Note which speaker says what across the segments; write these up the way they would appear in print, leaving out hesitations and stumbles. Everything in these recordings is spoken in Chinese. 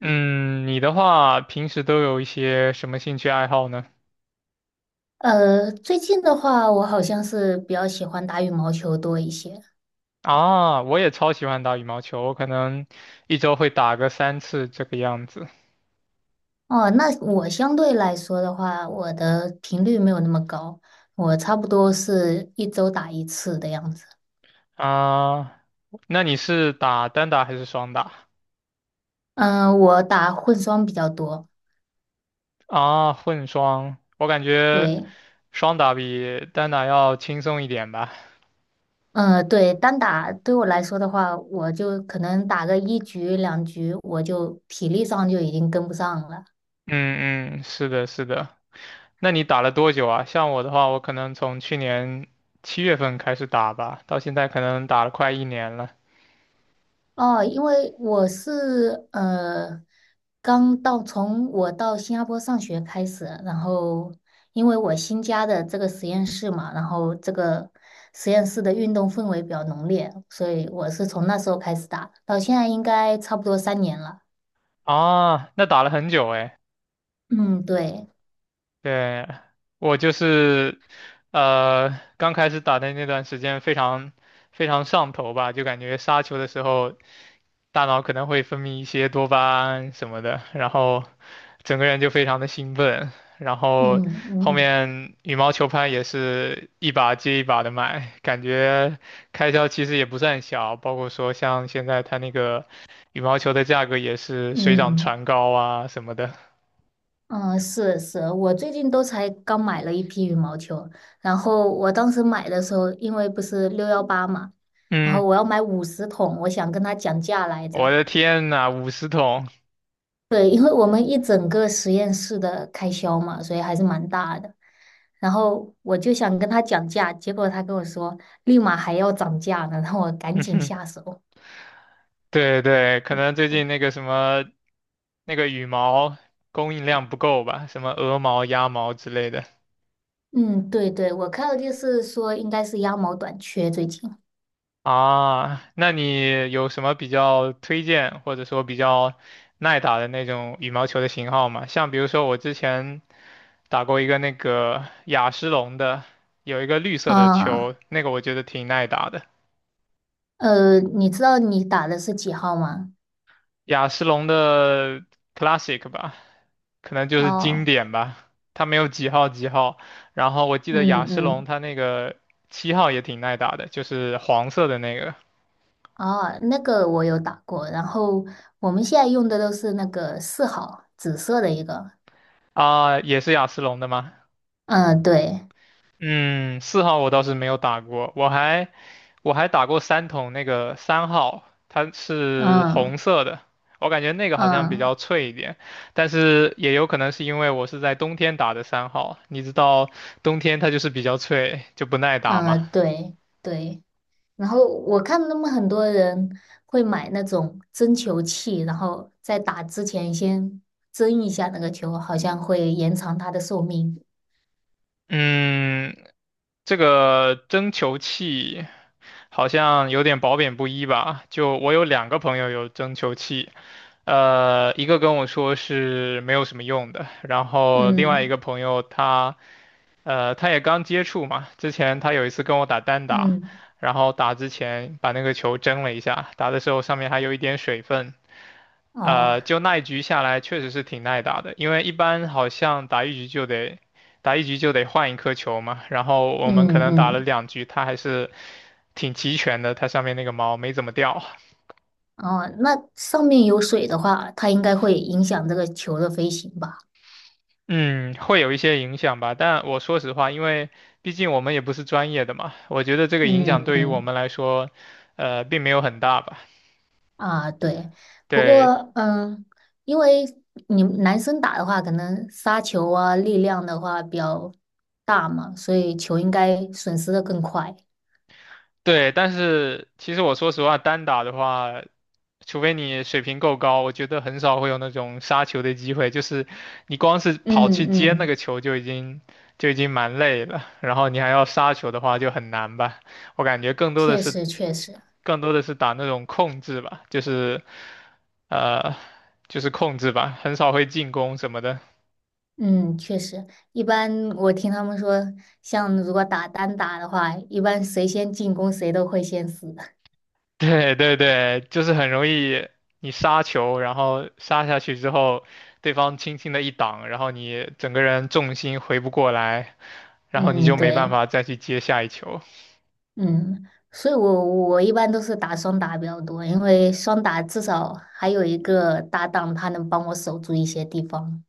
Speaker 1: 嗯，你的话平时都有一些什么兴趣爱好呢？
Speaker 2: 最近的话，我好像是比较喜欢打羽毛球多一些。
Speaker 1: 啊，我也超喜欢打羽毛球，我可能一周会打个3次这个样子。
Speaker 2: 哦，那我相对来说的话，我的频率没有那么高，我差不多是一周打一次的样子。
Speaker 1: 啊，那你是打单打还是双打？
Speaker 2: 嗯、我打混双比较多。
Speaker 1: 啊，混双，我感觉
Speaker 2: 对，
Speaker 1: 双打比单打要轻松一点吧。
Speaker 2: 嗯、对，单打对我来说的话，我就可能打个一局两局，我就体力上就已经跟不上了。
Speaker 1: 嗯嗯，是的，是的。那你打了多久啊？像我的话，我可能从去年7月份开始打吧，到现在可能打了快一年了。
Speaker 2: 哦，因为我是从我到新加坡上学开始，然后因为我新加的这个实验室嘛，然后这个实验室的运动氛围比较浓烈，所以我是从那时候开始打，到现在应该差不多3年了。
Speaker 1: 啊，那打了很久诶。
Speaker 2: 嗯，对，
Speaker 1: 对，我就是，呃，刚开始打的那段时间非常非常上头吧，就感觉杀球的时候，大脑可能会分泌一些多巴胺什么的，然后整个人就非常的兴奋，然后
Speaker 2: 嗯
Speaker 1: 后
Speaker 2: 嗯
Speaker 1: 面羽毛球拍也是一把接一把的买，感觉开销其实也不算小，包括说像现在它那个羽毛球的价格也是水涨
Speaker 2: 嗯。
Speaker 1: 船高啊什么的。
Speaker 2: 嗯，是是，我最近都才刚买了一批羽毛球，然后我当时买的时候，因为不是6.18嘛，然后
Speaker 1: 嗯，
Speaker 2: 我要买50桶，我想跟他讲价来
Speaker 1: 我
Speaker 2: 着。
Speaker 1: 的天呐，50桶！
Speaker 2: 对，因为我们一整个实验室的开销嘛，所以还是蛮大的。然后我就想跟他讲价，结果他跟我说立马还要涨价呢，让我 赶
Speaker 1: 嗯
Speaker 2: 紧
Speaker 1: 哼，
Speaker 2: 下手。
Speaker 1: 对对，可能最近那个什么那个羽毛供应量不够吧，什么鹅毛、鸭毛之类的
Speaker 2: 嗯，对对，我看到就是说应该是鸭毛短缺最近。
Speaker 1: 啊。那你有什么比较推荐或者说比较耐打的那种羽毛球的型号吗？像比如说我之前打过一个那个雅诗龙的，有一个绿色的球，
Speaker 2: 啊，
Speaker 1: 那个我觉得挺耐打的。
Speaker 2: 你知道你打的是几号吗？
Speaker 1: 雅诗龙的 Classic 吧，可能就是经
Speaker 2: 哦，
Speaker 1: 典吧。它没有几号几号，然后我记得
Speaker 2: 嗯
Speaker 1: 雅诗龙
Speaker 2: 嗯，
Speaker 1: 它那个7号也挺耐打的，就是黄色的那个
Speaker 2: 哦，那个我有打过，然后我们现在用的都是那个4号，紫色的一个，
Speaker 1: 啊，也是雅诗龙的吗？
Speaker 2: 嗯，对，
Speaker 1: 嗯，4号我倒是没有打过，我还打过3筒那个三号，它是
Speaker 2: 嗯
Speaker 1: 红色的，我感觉那个好像比
Speaker 2: 嗯
Speaker 1: 较脆一点，但是也有可能是因为我是在冬天打的三号。你知道冬天它就是比较脆，就不耐打嘛。
Speaker 2: 嗯，对对，然后我看他们很多人会买那种针球器，然后在打之前先针一下那个球，好像会延长它的寿命。
Speaker 1: 嗯，这个蒸球器好像有点褒贬不一吧？就我有两个朋友有蒸球器，一个跟我说是没有什么用的，然后另外一
Speaker 2: 嗯
Speaker 1: 个朋友他。他也刚接触嘛，之前他有一次跟我打单打，
Speaker 2: 嗯，
Speaker 1: 然后打之前把那个球蒸了一下，打的时候上面还有一点水分，
Speaker 2: 哦，
Speaker 1: 就那一局下来确实是挺耐打的，因为一般好像打一局就得换一颗球嘛，然后我们可
Speaker 2: 嗯
Speaker 1: 能打了
Speaker 2: 嗯。
Speaker 1: 2局，它还是挺齐全的，它上面那个毛没怎么掉。
Speaker 2: 哦，那上面有水的话，它应该会影响这个球的飞行吧？
Speaker 1: 嗯，会有一些影响吧，但我说实话，因为毕竟我们也不是专业的嘛，我觉得这个影
Speaker 2: 嗯
Speaker 1: 响对于我
Speaker 2: 嗯，
Speaker 1: 们来说，并没有很大吧。
Speaker 2: 啊，对，不
Speaker 1: 对，
Speaker 2: 过因为你们男生打的话，可能杀球啊，力量的话比较大嘛，所以球应该损失的更快。
Speaker 1: 对，但是其实我说实话，单打的话，除非你水平够高，我觉得很少会有那种杀球的机会。就是你光是跑
Speaker 2: 嗯
Speaker 1: 去接那
Speaker 2: 嗯
Speaker 1: 个球就已经蛮累了，然后你还要杀球的话就很难吧。我感觉更多的
Speaker 2: 确
Speaker 1: 是
Speaker 2: 实，确实，
Speaker 1: 更多的是打那种控制吧，呃就是控制吧，很少会进攻什么的。
Speaker 2: 嗯，确实，一般我听他们说，像如果打单打的话，一般谁先进攻谁都会先死。
Speaker 1: 对对对，就是很容易你杀球，然后杀下去之后，对方轻轻的一挡，然后你整个人重心回不过来，然后你
Speaker 2: 嗯，
Speaker 1: 就没办
Speaker 2: 对。
Speaker 1: 法再去接下一球。
Speaker 2: 嗯，所以我一般都是打双打比较多，因为双打至少还有一个搭档，他能帮我守住一些地方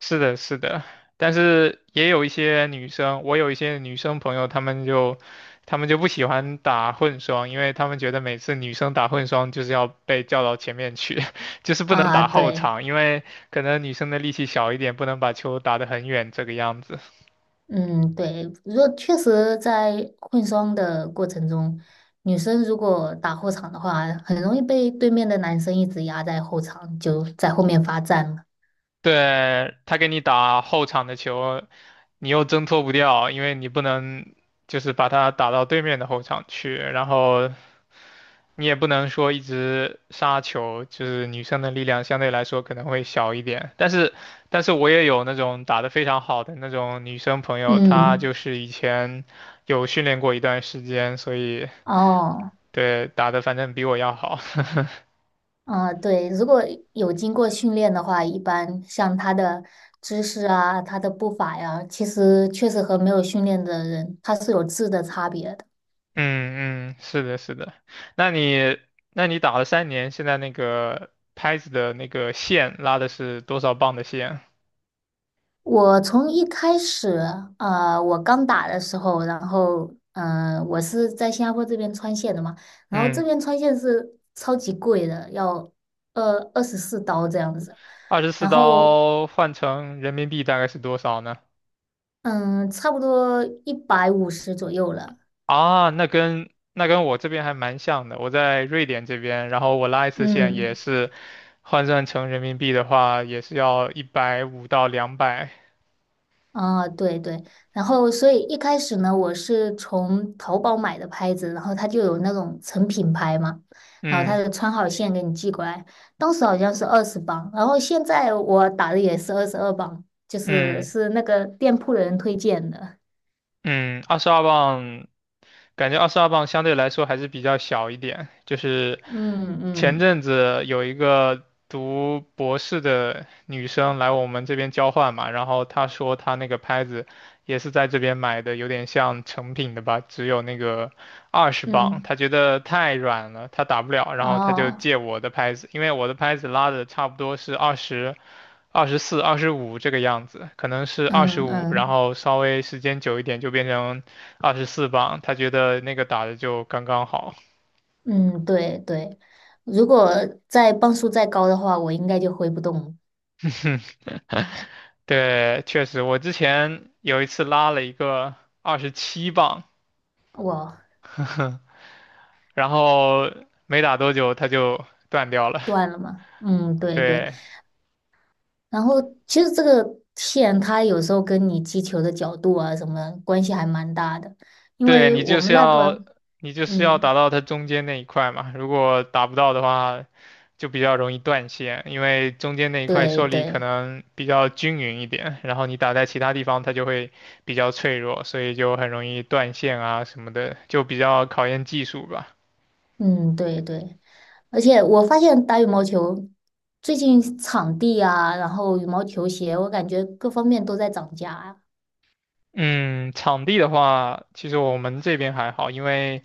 Speaker 1: 是的，是的，但是也有一些女生，我有一些女生朋友，她们就不喜欢打混双，因为她们觉得每次女生打混双就是要被叫到前面去，就是不能
Speaker 2: 啊。
Speaker 1: 打后
Speaker 2: 对，
Speaker 1: 场，因为可能女生的力气小一点，不能把球打得很远这个样子。
Speaker 2: 嗯，对，如果确实在混双的过程中，女生如果打后场的话，很容易被对面的男生一直压在后场，就在后面罚站了。
Speaker 1: 对，他给你打后场的球，你又挣脱不掉，因为你不能就是把他打到对面的后场去，然后你也不能说一直杀球，就是女生的力量相对来说可能会小一点。但是我也有那种打得非常好的那种女生朋友，她
Speaker 2: 嗯，
Speaker 1: 就是以前有训练过一段时间，所以
Speaker 2: 哦。
Speaker 1: 对打的反正比我要好。
Speaker 2: 啊，对，如果有经过训练的话，一般像他的姿势啊、他的步伐呀，其实确实和没有训练的人，他是有质的差别的。
Speaker 1: 嗯嗯，是的，是的。那你，那你打了3年，现在那个拍子的那个线拉的是多少磅的线？
Speaker 2: 我从一开始，啊，我刚打的时候，然后，我是在新加坡这边穿线的嘛，然后这
Speaker 1: 嗯，
Speaker 2: 边穿线是超级贵的，要二十四刀这样子，
Speaker 1: 二十四
Speaker 2: 然后，
Speaker 1: 刀换成人民币大概是多少呢？
Speaker 2: 嗯，差不多150左右了，
Speaker 1: 啊，那跟我这边还蛮像的。我在瑞典这边，然后我拉一次线也
Speaker 2: 嗯。
Speaker 1: 是换算成人民币的话，也是要一百五到200。
Speaker 2: 啊，对对，然后所以一开始呢，我是从淘宝买的拍子，然后它就有那种成品拍嘛，然后它
Speaker 1: 嗯
Speaker 2: 就穿好线给你寄过来，当时好像是20磅，然后现在我打的也是22磅，就是
Speaker 1: 嗯
Speaker 2: 是那个店铺的人推荐的，
Speaker 1: 嗯，二十二磅感觉二十二磅相对来说还是比较小一点。就是
Speaker 2: 嗯
Speaker 1: 前
Speaker 2: 嗯
Speaker 1: 阵子有一个读博士的女生来我们这边交换嘛，然后她说她那个拍子也是在这边买的，有点像成品的吧，只有那个20磅，
Speaker 2: 嗯，
Speaker 1: 她觉得太软了，她打不了，然后她就
Speaker 2: 哦，
Speaker 1: 借我的拍子，因为我的拍子拉的差不多是二十。24、25这个样子，可能是二十
Speaker 2: 嗯
Speaker 1: 五，然
Speaker 2: 嗯
Speaker 1: 后稍微时间久一点就变成24磅，他觉得那个打的就刚刚好。
Speaker 2: 嗯，对对，如果磅数再高的话，我应该就挥不动，
Speaker 1: 对，确实，我之前有一次拉了一个27磅，
Speaker 2: 我
Speaker 1: 然后没打多久它就断掉了。
Speaker 2: 断了嘛，嗯，对对。
Speaker 1: 对，
Speaker 2: 然后其实这个线它有时候跟你击球的角度啊什么关系还蛮大的，因
Speaker 1: 对，
Speaker 2: 为
Speaker 1: 你
Speaker 2: 我
Speaker 1: 就是
Speaker 2: 们
Speaker 1: 要
Speaker 2: lab，
Speaker 1: 你就是要
Speaker 2: 嗯，
Speaker 1: 打到它中间那一块嘛，如果打不到的话，就比较容易断线，因为中间那一块
Speaker 2: 对
Speaker 1: 受力可
Speaker 2: 对，
Speaker 1: 能比较均匀一点，然后你打在其他地方它就会比较脆弱，所以就很容易断线啊什么的，就比较考验技术吧。
Speaker 2: 嗯对对，而且我发现打羽毛球最近场地啊，然后羽毛球鞋，我感觉各方面都在涨价啊。
Speaker 1: 嗯，场地的话，其实我们这边还好，因为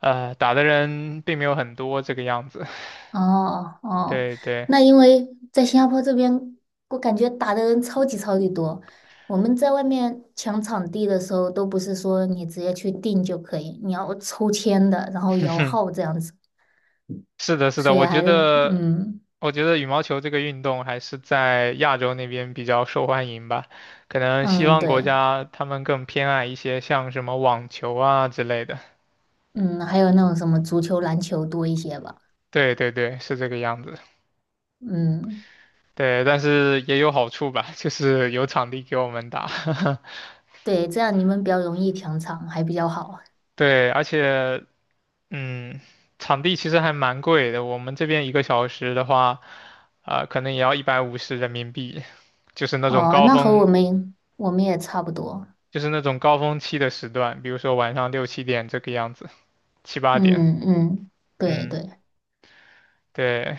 Speaker 1: 打的人并没有很多这个样子。
Speaker 2: 哦哦，
Speaker 1: 对对，
Speaker 2: 那因为在新加坡这边，我感觉打的人超级超级多。我们在外面抢场地的时候，都不是说你直接去订就可以，你要抽签的，然后摇 号这样子。
Speaker 1: 是的，是的，
Speaker 2: 所以
Speaker 1: 我觉
Speaker 2: 还是，
Speaker 1: 得，
Speaker 2: 嗯
Speaker 1: 我觉得羽毛球这个运动还是在亚洲那边比较受欢迎吧。可能西
Speaker 2: 嗯，
Speaker 1: 方国
Speaker 2: 对，
Speaker 1: 家他们更偏爱一些像什么网球啊之类的。
Speaker 2: 嗯，还有那种什么足球、篮球多一些吧。
Speaker 1: 对对对，是这个样子。
Speaker 2: 嗯，
Speaker 1: 对，但是也有好处吧，就是有场地给我们打。
Speaker 2: 对，这样你们比较容易抢场，还比较好。
Speaker 1: 对，而且，嗯，场地其实还蛮贵的。我们这边一个小时的话，可能也要150人民币，就是那种
Speaker 2: 哦，
Speaker 1: 高
Speaker 2: 那和我
Speaker 1: 峰
Speaker 2: 们我们也差不多。
Speaker 1: 就是那种高峰期的时段，比如说晚上6、7点这个样子，7、8点。
Speaker 2: 嗯嗯，对
Speaker 1: 嗯，
Speaker 2: 对，
Speaker 1: 对。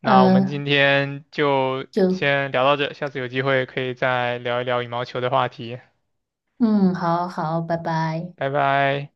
Speaker 1: 那我们今
Speaker 2: 呃，
Speaker 1: 天就
Speaker 2: 就。
Speaker 1: 先聊到这，下次有机会可以再聊一聊羽毛球的话题。
Speaker 2: 嗯，好好，拜拜。
Speaker 1: 拜拜。